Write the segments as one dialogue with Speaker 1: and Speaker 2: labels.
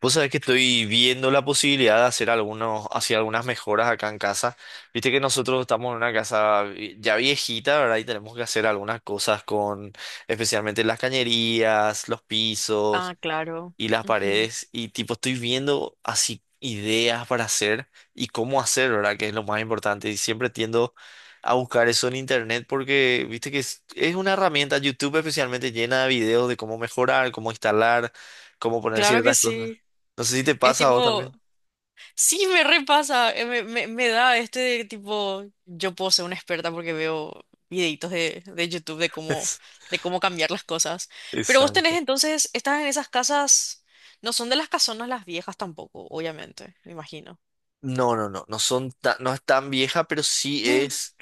Speaker 1: Vos sabés que estoy viendo la posibilidad de hacer hacer algunas mejoras acá en casa. Viste que nosotros estamos en una casa ya viejita, ¿verdad? Y tenemos que hacer algunas cosas con, especialmente las cañerías, los
Speaker 2: Ah,
Speaker 1: pisos
Speaker 2: claro.
Speaker 1: y las
Speaker 2: Ujú.
Speaker 1: paredes y tipo estoy viendo así ideas para hacer y cómo hacer, ¿verdad? Que es lo más importante y siempre tiendo a buscar eso en internet porque viste que es una herramienta, YouTube especialmente, llena de videos de cómo mejorar, cómo instalar, cómo poner
Speaker 2: Claro que
Speaker 1: ciertas cosas.
Speaker 2: sí.
Speaker 1: No sé si te
Speaker 2: Es
Speaker 1: pasa a vos
Speaker 2: tipo,
Speaker 1: también.
Speaker 2: sí, me repasa, me da de tipo, yo puedo ser una experta porque veo videitos de YouTube de cómo cambiar las cosas. Pero vos tenés
Speaker 1: Exacto.
Speaker 2: entonces, estás en esas casas, no son de las casonas las viejas tampoco, obviamente, me imagino.
Speaker 1: No, no, no, no es tan vieja, pero sí es,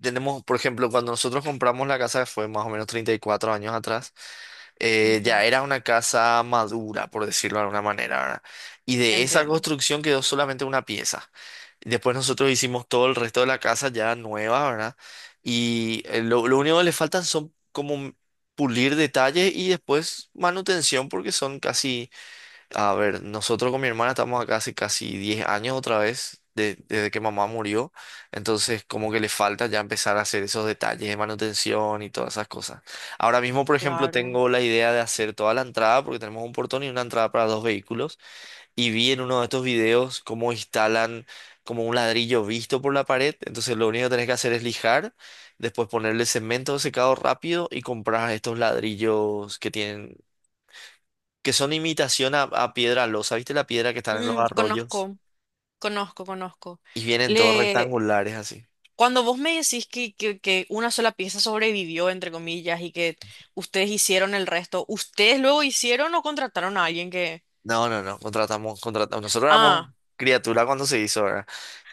Speaker 1: tenemos, por ejemplo, cuando nosotros compramos la casa fue más o menos 34 años atrás.
Speaker 2: Mm.
Speaker 1: Ya
Speaker 2: Ujú.
Speaker 1: era una casa madura, por decirlo de alguna manera, ¿verdad? Y de esa
Speaker 2: Entiendo.
Speaker 1: construcción quedó solamente una pieza. Después nosotros hicimos todo el resto de la casa ya nueva, ¿verdad? Y lo único que le faltan son como pulir detalles y después manutención porque son casi, a ver, nosotros con mi hermana estamos acá hace casi 10 años otra vez, desde que mamá murió. Entonces, como que le falta ya empezar a hacer esos detalles de manutención y todas esas cosas. Ahora mismo, por ejemplo,
Speaker 2: Claro.
Speaker 1: tengo la idea de hacer toda la entrada, porque tenemos un portón y una entrada para dos vehículos. Y vi en uno de estos videos cómo instalan como un ladrillo visto por la pared. Entonces, lo único que tenés que hacer es lijar, después ponerle cemento secado rápido y comprar estos ladrillos que tienen, que son imitación a piedra losa. ¿Viste la piedra que están en los
Speaker 2: Mm,
Speaker 1: arroyos?
Speaker 2: conozco, conozco, conozco.
Speaker 1: Y vienen todos
Speaker 2: Le,
Speaker 1: rectangulares así.
Speaker 2: cuando vos me decís que una sola pieza sobrevivió, entre comillas, y que ustedes hicieron el resto, ¿ustedes luego hicieron o contrataron a alguien que...?
Speaker 1: No, no, no, contratamos, contratamos. Nosotros éramos
Speaker 2: Ah,
Speaker 1: criatura cuando se hizo, ¿verdad?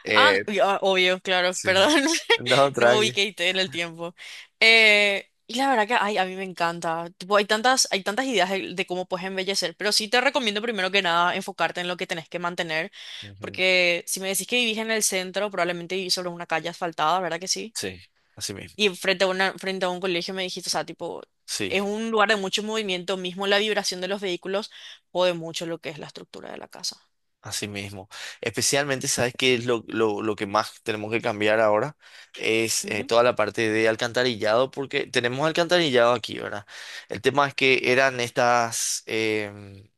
Speaker 1: Eh,
Speaker 2: ah, y- ah, obvio, claro,
Speaker 1: sí.
Speaker 2: perdón,
Speaker 1: No,
Speaker 2: no me
Speaker 1: tranqui.
Speaker 2: ubiqué en el tiempo. Y la verdad que, ay, a mí me encanta. Tipo, hay tantas ideas de cómo puedes embellecer, pero sí te recomiendo primero que nada enfocarte en lo que tenés que mantener,
Speaker 1: Ujú.
Speaker 2: porque si me decís que vivís en el centro, probablemente vivís sobre una calle asfaltada, ¿verdad que sí?
Speaker 1: Sí, así mismo.
Speaker 2: Y frente a una, frente a un colegio me dijiste, o sea, tipo,
Speaker 1: Sí,
Speaker 2: es un lugar de mucho movimiento, mismo la vibración de los vehículos jode mucho lo que es la estructura de la casa.
Speaker 1: así mismo. Especialmente, ¿sabes qué es lo que más tenemos que cambiar ahora? Es
Speaker 2: Ujú.
Speaker 1: toda la parte de alcantarillado, porque tenemos alcantarillado aquí, ¿verdad? El tema es que eran estas... em,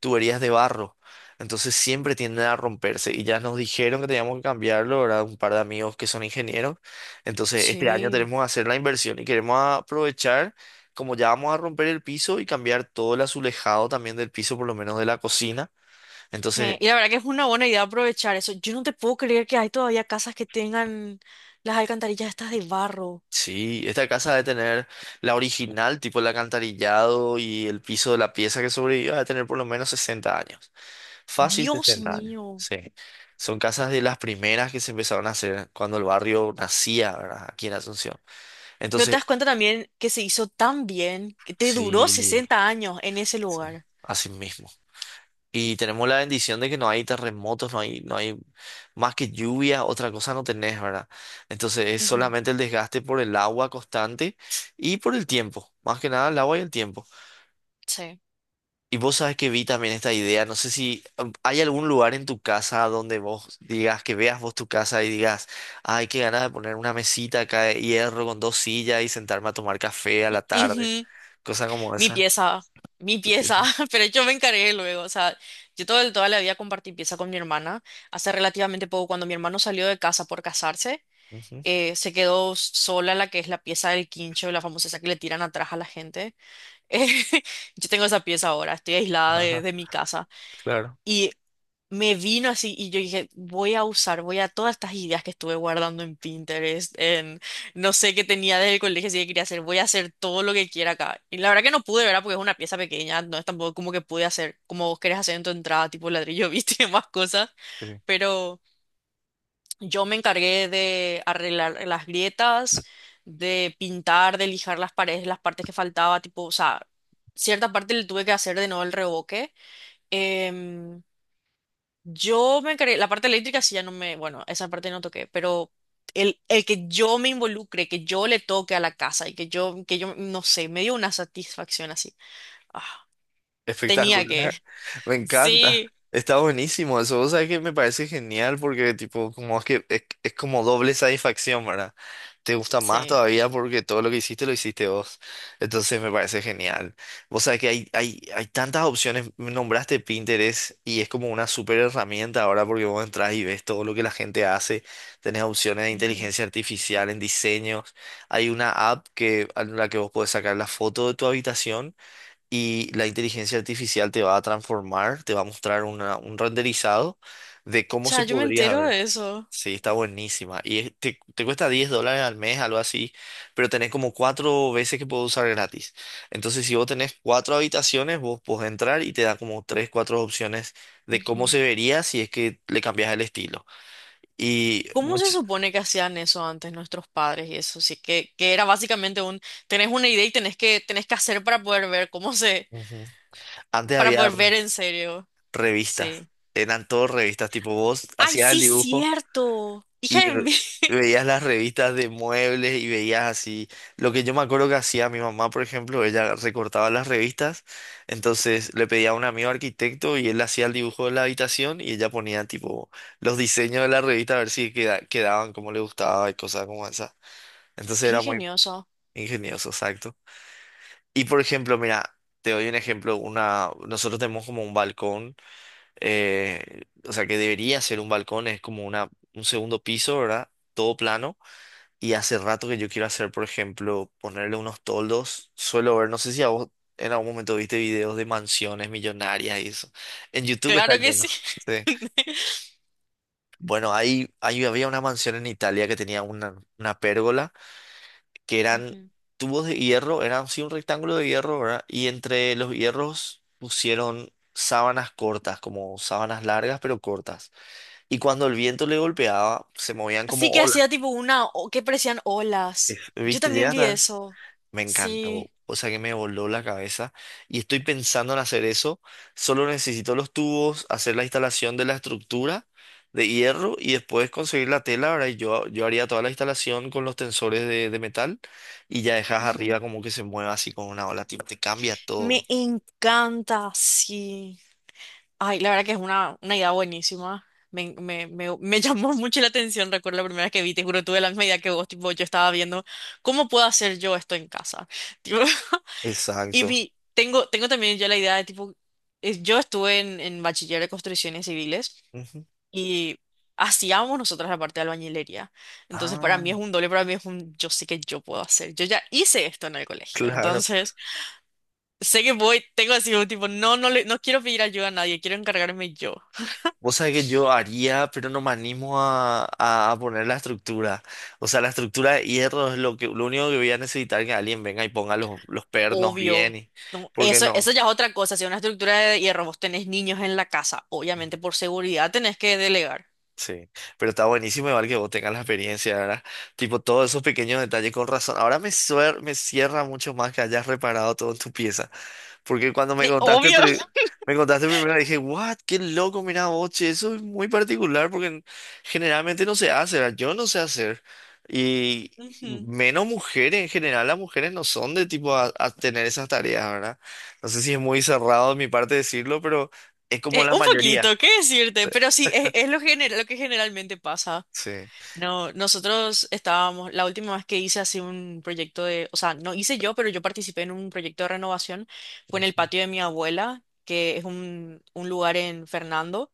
Speaker 1: tuberías de barro. Entonces siempre tienden a romperse y ya nos dijeron que teníamos que cambiarlo, ¿verdad? Un par de amigos que son ingenieros. Entonces este año
Speaker 2: Sí.
Speaker 1: tenemos que hacer la inversión y queremos aprovechar, como ya vamos a romper el piso y cambiar todo el azulejado también del piso, por lo menos de la cocina. Entonces
Speaker 2: Y la verdad que es una buena idea aprovechar eso. Yo no te puedo creer que hay todavía casas que tengan las alcantarillas estas de barro.
Speaker 1: sí, esta casa debe tener la original, tipo el alcantarillado y el piso de la pieza que sobrevivió, debe tener por lo menos 60 años. Fácil
Speaker 2: Dios
Speaker 1: 60 años,
Speaker 2: mío.
Speaker 1: sí. Son casas de las primeras que se empezaron a hacer cuando el barrio nacía, ¿verdad? Aquí en Asunción.
Speaker 2: Pero te
Speaker 1: Entonces,
Speaker 2: das cuenta también que se hizo tan bien que te duró
Speaker 1: sí,
Speaker 2: 60 años en ese
Speaker 1: sí,
Speaker 2: lugar.
Speaker 1: así mismo. Y tenemos la bendición de que no hay terremotos, no hay, no hay más que lluvia, otra cosa no tenés, ¿verdad? Entonces es
Speaker 2: Ujú.
Speaker 1: solamente el desgaste por el agua constante y por el tiempo, más que nada el agua y el tiempo.
Speaker 2: Sí.
Speaker 1: Y vos sabes que vi también esta idea, no sé si hay algún lugar en tu casa donde vos digas, que veas vos tu casa y digas, ay, qué ganas de poner una mesita acá de hierro con dos sillas y sentarme a tomar café a la tarde,
Speaker 2: Ujú,
Speaker 1: cosa como
Speaker 2: mi
Speaker 1: esa.
Speaker 2: pieza, mi pieza,
Speaker 1: Empieza.
Speaker 2: pero yo me encargué luego, o sea, yo todo, el- toda la vida compartí pieza con mi hermana, hace relativamente poco, cuando mi hermano salió de casa por casarse,
Speaker 1: Ujú.
Speaker 2: se quedó sola la que es la pieza del quincho, la famosa esa que le tiran atrás a la gente. Eh, yo tengo esa pieza ahora, estoy aislada
Speaker 1: Ajá,
Speaker 2: de mi casa.
Speaker 1: claro.
Speaker 2: Y me vino así y yo dije, voy a usar, voy a todas estas ideas que estuve guardando en Pinterest, en no sé qué tenía desde el colegio, si que quería hacer, voy a hacer todo lo que quiera acá. Y la verdad que no pude, ¿verdad? Porque es una pieza pequeña, no es tampoco como que pude hacer como vos querés hacer en tu entrada, tipo ladrillo, viste, y demás cosas. Pero yo me encargué de arreglar las grietas, de pintar, de lijar las paredes, las partes que faltaba, tipo, o sea, cierta parte le tuve que hacer de nuevo el revoque. em, yo me encargué, la parte eléctrica sí ya no me, bueno, esa parte no toqué, pero el que yo me involucre, que yo le toque a la casa y no sé, me dio una satisfacción así. Ah, tenía que.
Speaker 1: Espectacular. Me encanta.
Speaker 2: Sí,
Speaker 1: Está buenísimo eso. Vos sabés que me parece genial porque tipo, como es que es como doble satisfacción, ¿verdad? Te gusta más
Speaker 2: sí.
Speaker 1: todavía porque todo lo que hiciste lo hiciste vos. Entonces me parece genial. Vos sabés que hay tantas opciones. Me nombraste Pinterest y es como una super herramienta ahora porque vos entras y ves todo lo que la gente hace. Tenés opciones de
Speaker 2: Ujú.
Speaker 1: inteligencia artificial en diseños. Hay una app que, en la que vos podés sacar la foto de tu habitación y la inteligencia artificial te va a transformar, te va a mostrar un renderizado de cómo se
Speaker 2: Cha, yo me
Speaker 1: podría
Speaker 2: entero
Speaker 1: ver.
Speaker 2: de eso.
Speaker 1: Sí, está buenísima. Y es- te cuesta $10 al mes, algo así, pero tenés como cuatro veces que puedes usar gratis. Entonces, si vos tenés cuatro habitaciones, vos podés entrar y te da como tres, cuatro opciones de cómo
Speaker 2: Ujú.
Speaker 1: se vería si es que le cambias el estilo. Y
Speaker 2: ¿Cómo se
Speaker 1: much-
Speaker 2: supone que hacían eso antes nuestros padres y eso? Sí, que era básicamente un, tenés una idea y tenés que hacer para poder ver cómo se,
Speaker 1: Ujú. Antes
Speaker 2: para
Speaker 1: había
Speaker 2: poder ver en serio.
Speaker 1: revistas,
Speaker 2: Sí.
Speaker 1: eran todas revistas, tipo vos
Speaker 2: Ay,
Speaker 1: hacías el
Speaker 2: sí,
Speaker 1: dibujo.
Speaker 2: cierto. Hija
Speaker 1: Y
Speaker 2: de mí.
Speaker 1: veías las revistas de muebles y veías así. Lo que yo me acuerdo que hacía mi mamá, por ejemplo, ella recortaba las revistas, entonces le pedía a un amigo arquitecto y él hacía el dibujo de la habitación y ella ponía tipo los diseños de la revista a ver si quedaban como le gustaba y cosas como esa. Entonces
Speaker 2: Qué
Speaker 1: era muy
Speaker 2: ingenioso.
Speaker 1: ingenioso, exacto. Y por ejemplo, mira, te doy un ejemplo, una, nosotros tenemos como un balcón, o sea que debería ser un balcón, es como un segundo piso, ¿verdad? Todo plano. Y hace rato que yo quiero hacer, por ejemplo, ponerle unos toldos. Suelo ver, no sé si a vos en algún momento viste videos de mansiones millonarias y eso. En YouTube está
Speaker 2: Claro que sí.
Speaker 1: lleno. Sí. Bueno, ahí había una mansión en Italia que tenía una pérgola, que eran
Speaker 2: Ujú.
Speaker 1: tubos de hierro, eran sí un rectángulo de hierro, ¿verdad? Y entre los hierros pusieron sábanas cortas, como sábanas largas pero cortas. Y cuando el viento le golpeaba, se movían como
Speaker 2: Sí que
Speaker 1: olas.
Speaker 2: hacía tipo una, o- que parecían olas. Yo
Speaker 1: ¿Viste?
Speaker 2: también
Speaker 1: ¿Llegaste
Speaker 2: vi
Speaker 1: a ver?
Speaker 2: eso.
Speaker 1: Me
Speaker 2: Sí.
Speaker 1: encantó. O sea que me voló la cabeza y estoy pensando en hacer eso. Solo necesito los tubos, hacer la instalación de la estructura de hierro y después conseguir la tela. Ahora yo, yo haría toda la instalación con los tensores de metal y ya dejas
Speaker 2: Ujú.
Speaker 1: arriba como que se mueva así con una ola, tipo, te cambia
Speaker 2: Me
Speaker 1: todo.
Speaker 2: encanta, sí. Ay, la verdad que es una idea buenísima. Me llamó mucho la atención, recuerdo la primera vez que vi, te juro, tuve la misma idea que vos, tipo, yo estaba viendo, ¿cómo puedo hacer yo esto en casa? Tipo, y
Speaker 1: Exacto.
Speaker 2: vi, tengo también yo la idea de, tipo, es- yo estuve en bachiller de construcciones civiles.
Speaker 1: Ujú.
Speaker 2: Y hacíamos nosotras la parte de albañilería. Entonces, para mí
Speaker 1: Ah,
Speaker 2: es un doble, para mí es un yo sé que yo puedo hacer. Yo ya hice esto en el colegio.
Speaker 1: claro.
Speaker 2: Entonces, sé que voy, tengo así un tipo, no, no quiero pedir ayuda a nadie, quiero encargarme yo.
Speaker 1: Vos sabés que yo haría, pero no me animo a, a poner la estructura. O sea, la estructura de hierro es lo que, lo único que voy a necesitar que alguien venga y ponga los pernos bien.
Speaker 2: Obvio. No,
Speaker 1: ¿Porque
Speaker 2: eso
Speaker 1: no?
Speaker 2: ya es otra cosa. Si una estructura de hierro vos tenés niños en la casa, obviamente por seguridad tenés que delegar.
Speaker 1: Sí, pero está buenísimo igual que vos tengas la experiencia, ¿verdad? Tipo, todos esos pequeños detalles con razón. Ahora me cierra mucho más que hayas reparado todo en tu pieza. Porque cuando me contaste,
Speaker 2: Obvio.
Speaker 1: me contaste primero dije, what, qué loco, mira vos, che, eso es muy particular porque generalmente no se hace, ¿verdad? Yo no sé hacer. Y
Speaker 2: Ujú.
Speaker 1: menos mujeres, en general las mujeres no son de tipo a tener esas tareas, ¿verdad? No sé si es muy cerrado de mi parte decirlo, pero es como la
Speaker 2: Un
Speaker 1: mayoría.
Speaker 2: poquito, ¿qué decirte?
Speaker 1: Sí.
Speaker 2: Pero sí, es lo, gener- lo que generalmente pasa.
Speaker 1: Sí.
Speaker 2: No, nosotros estábamos, la última vez que hice así un proyecto de, o sea, no hice yo, pero yo participé en un proyecto de renovación, fue en el patio de mi abuela, que es un lugar en Fernando.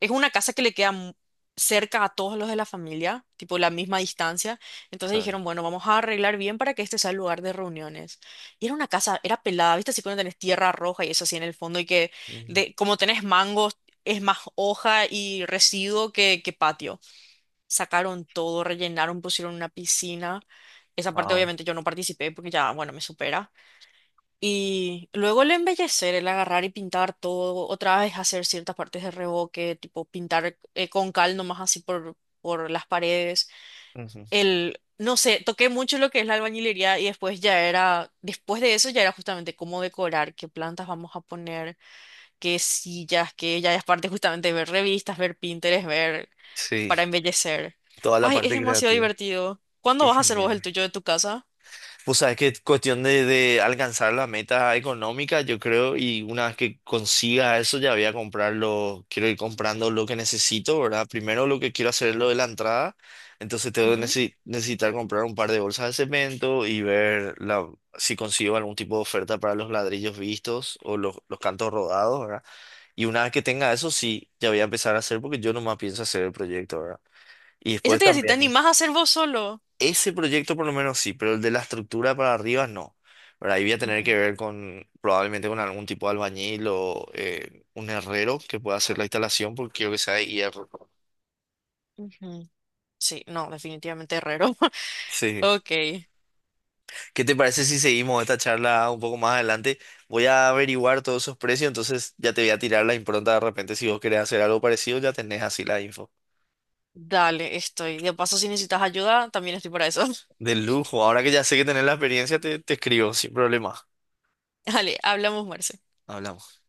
Speaker 2: Es una casa que le queda mu- cerca a todos los de la familia, tipo la misma distancia. Entonces
Speaker 1: Claro.
Speaker 2: dijeron, bueno, vamos a arreglar bien para que este sea el lugar de reuniones. Y era una casa, era pelada, ¿viste? Así cuando tenés tierra roja y eso así en el fondo y que
Speaker 1: Ujú.
Speaker 2: de, como tenés mangos, es más hoja y residuo que patio sacaron todo, rellenaron, pusieron una piscina. Esa parte
Speaker 1: Wow.
Speaker 2: obviamente yo no participé porque ya, bueno, me supera. Y luego el embellecer, el agarrar y pintar todo, otra vez hacer ciertas partes de revoque, tipo pintar con cal nomás así por las paredes.
Speaker 1: Ujú.
Speaker 2: El, no sé, toqué mucho lo que es la albañilería y después ya era, después de eso ya era justamente cómo decorar, qué plantas vamos a poner, qué sillas, qué ya es parte justamente de ver revistas, ver Pinterest, ver
Speaker 1: Sí,
Speaker 2: para embellecer.
Speaker 1: toda la
Speaker 2: Ay, es
Speaker 1: parte
Speaker 2: demasiado
Speaker 1: creativa.
Speaker 2: divertido. ¿Cuándo
Speaker 1: Qué
Speaker 2: vas a hacer vos
Speaker 1: genial.
Speaker 2: el tuyo de tu casa?
Speaker 1: Pues sabes que es cuestión de alcanzar la meta económica, yo creo, y una vez que consiga eso ya voy a comprarlo, quiero ir comprando lo que necesito, ¿verdad? Primero lo que quiero hacer es lo de la entrada, entonces tengo que
Speaker 2: Ujú.
Speaker 1: necesitar comprar un par de bolsas de cemento y ver la, si consigo algún tipo de oferta para los ladrillos vistos o los cantos rodados, ¿verdad? Y una vez que tenga eso, sí, ya voy a empezar a hacer porque yo nomás pienso hacer el proyecto, ¿verdad? Y
Speaker 2: Eso
Speaker 1: después
Speaker 2: te dice, si te
Speaker 1: también,
Speaker 2: animás a hacer vos solo.
Speaker 1: ese proyecto por lo menos sí, pero el de la estructura para arriba no, ¿verdad? Ahí voy a tener que
Speaker 2: Ujú,
Speaker 1: ver con, probablemente con algún tipo de albañil o un herrero que pueda hacer la instalación porque quiero que sea de hierro.
Speaker 2: ujú. Sí, no, definitivamente herrero.
Speaker 1: Sí.
Speaker 2: Ok,
Speaker 1: ¿Qué te parece si seguimos esta charla un poco más adelante? Voy a averiguar todos esos precios, entonces ya te voy a tirar la impronta de repente. Si vos querés hacer algo parecido, ya tenés así la info.
Speaker 2: dale, estoy. De paso, si necesitas ayuda, también estoy para eso.
Speaker 1: De lujo. Ahora que ya sé que tenés la experiencia, te escribo sin problema.
Speaker 2: Dale, hablamos, Marce.
Speaker 1: Hablamos.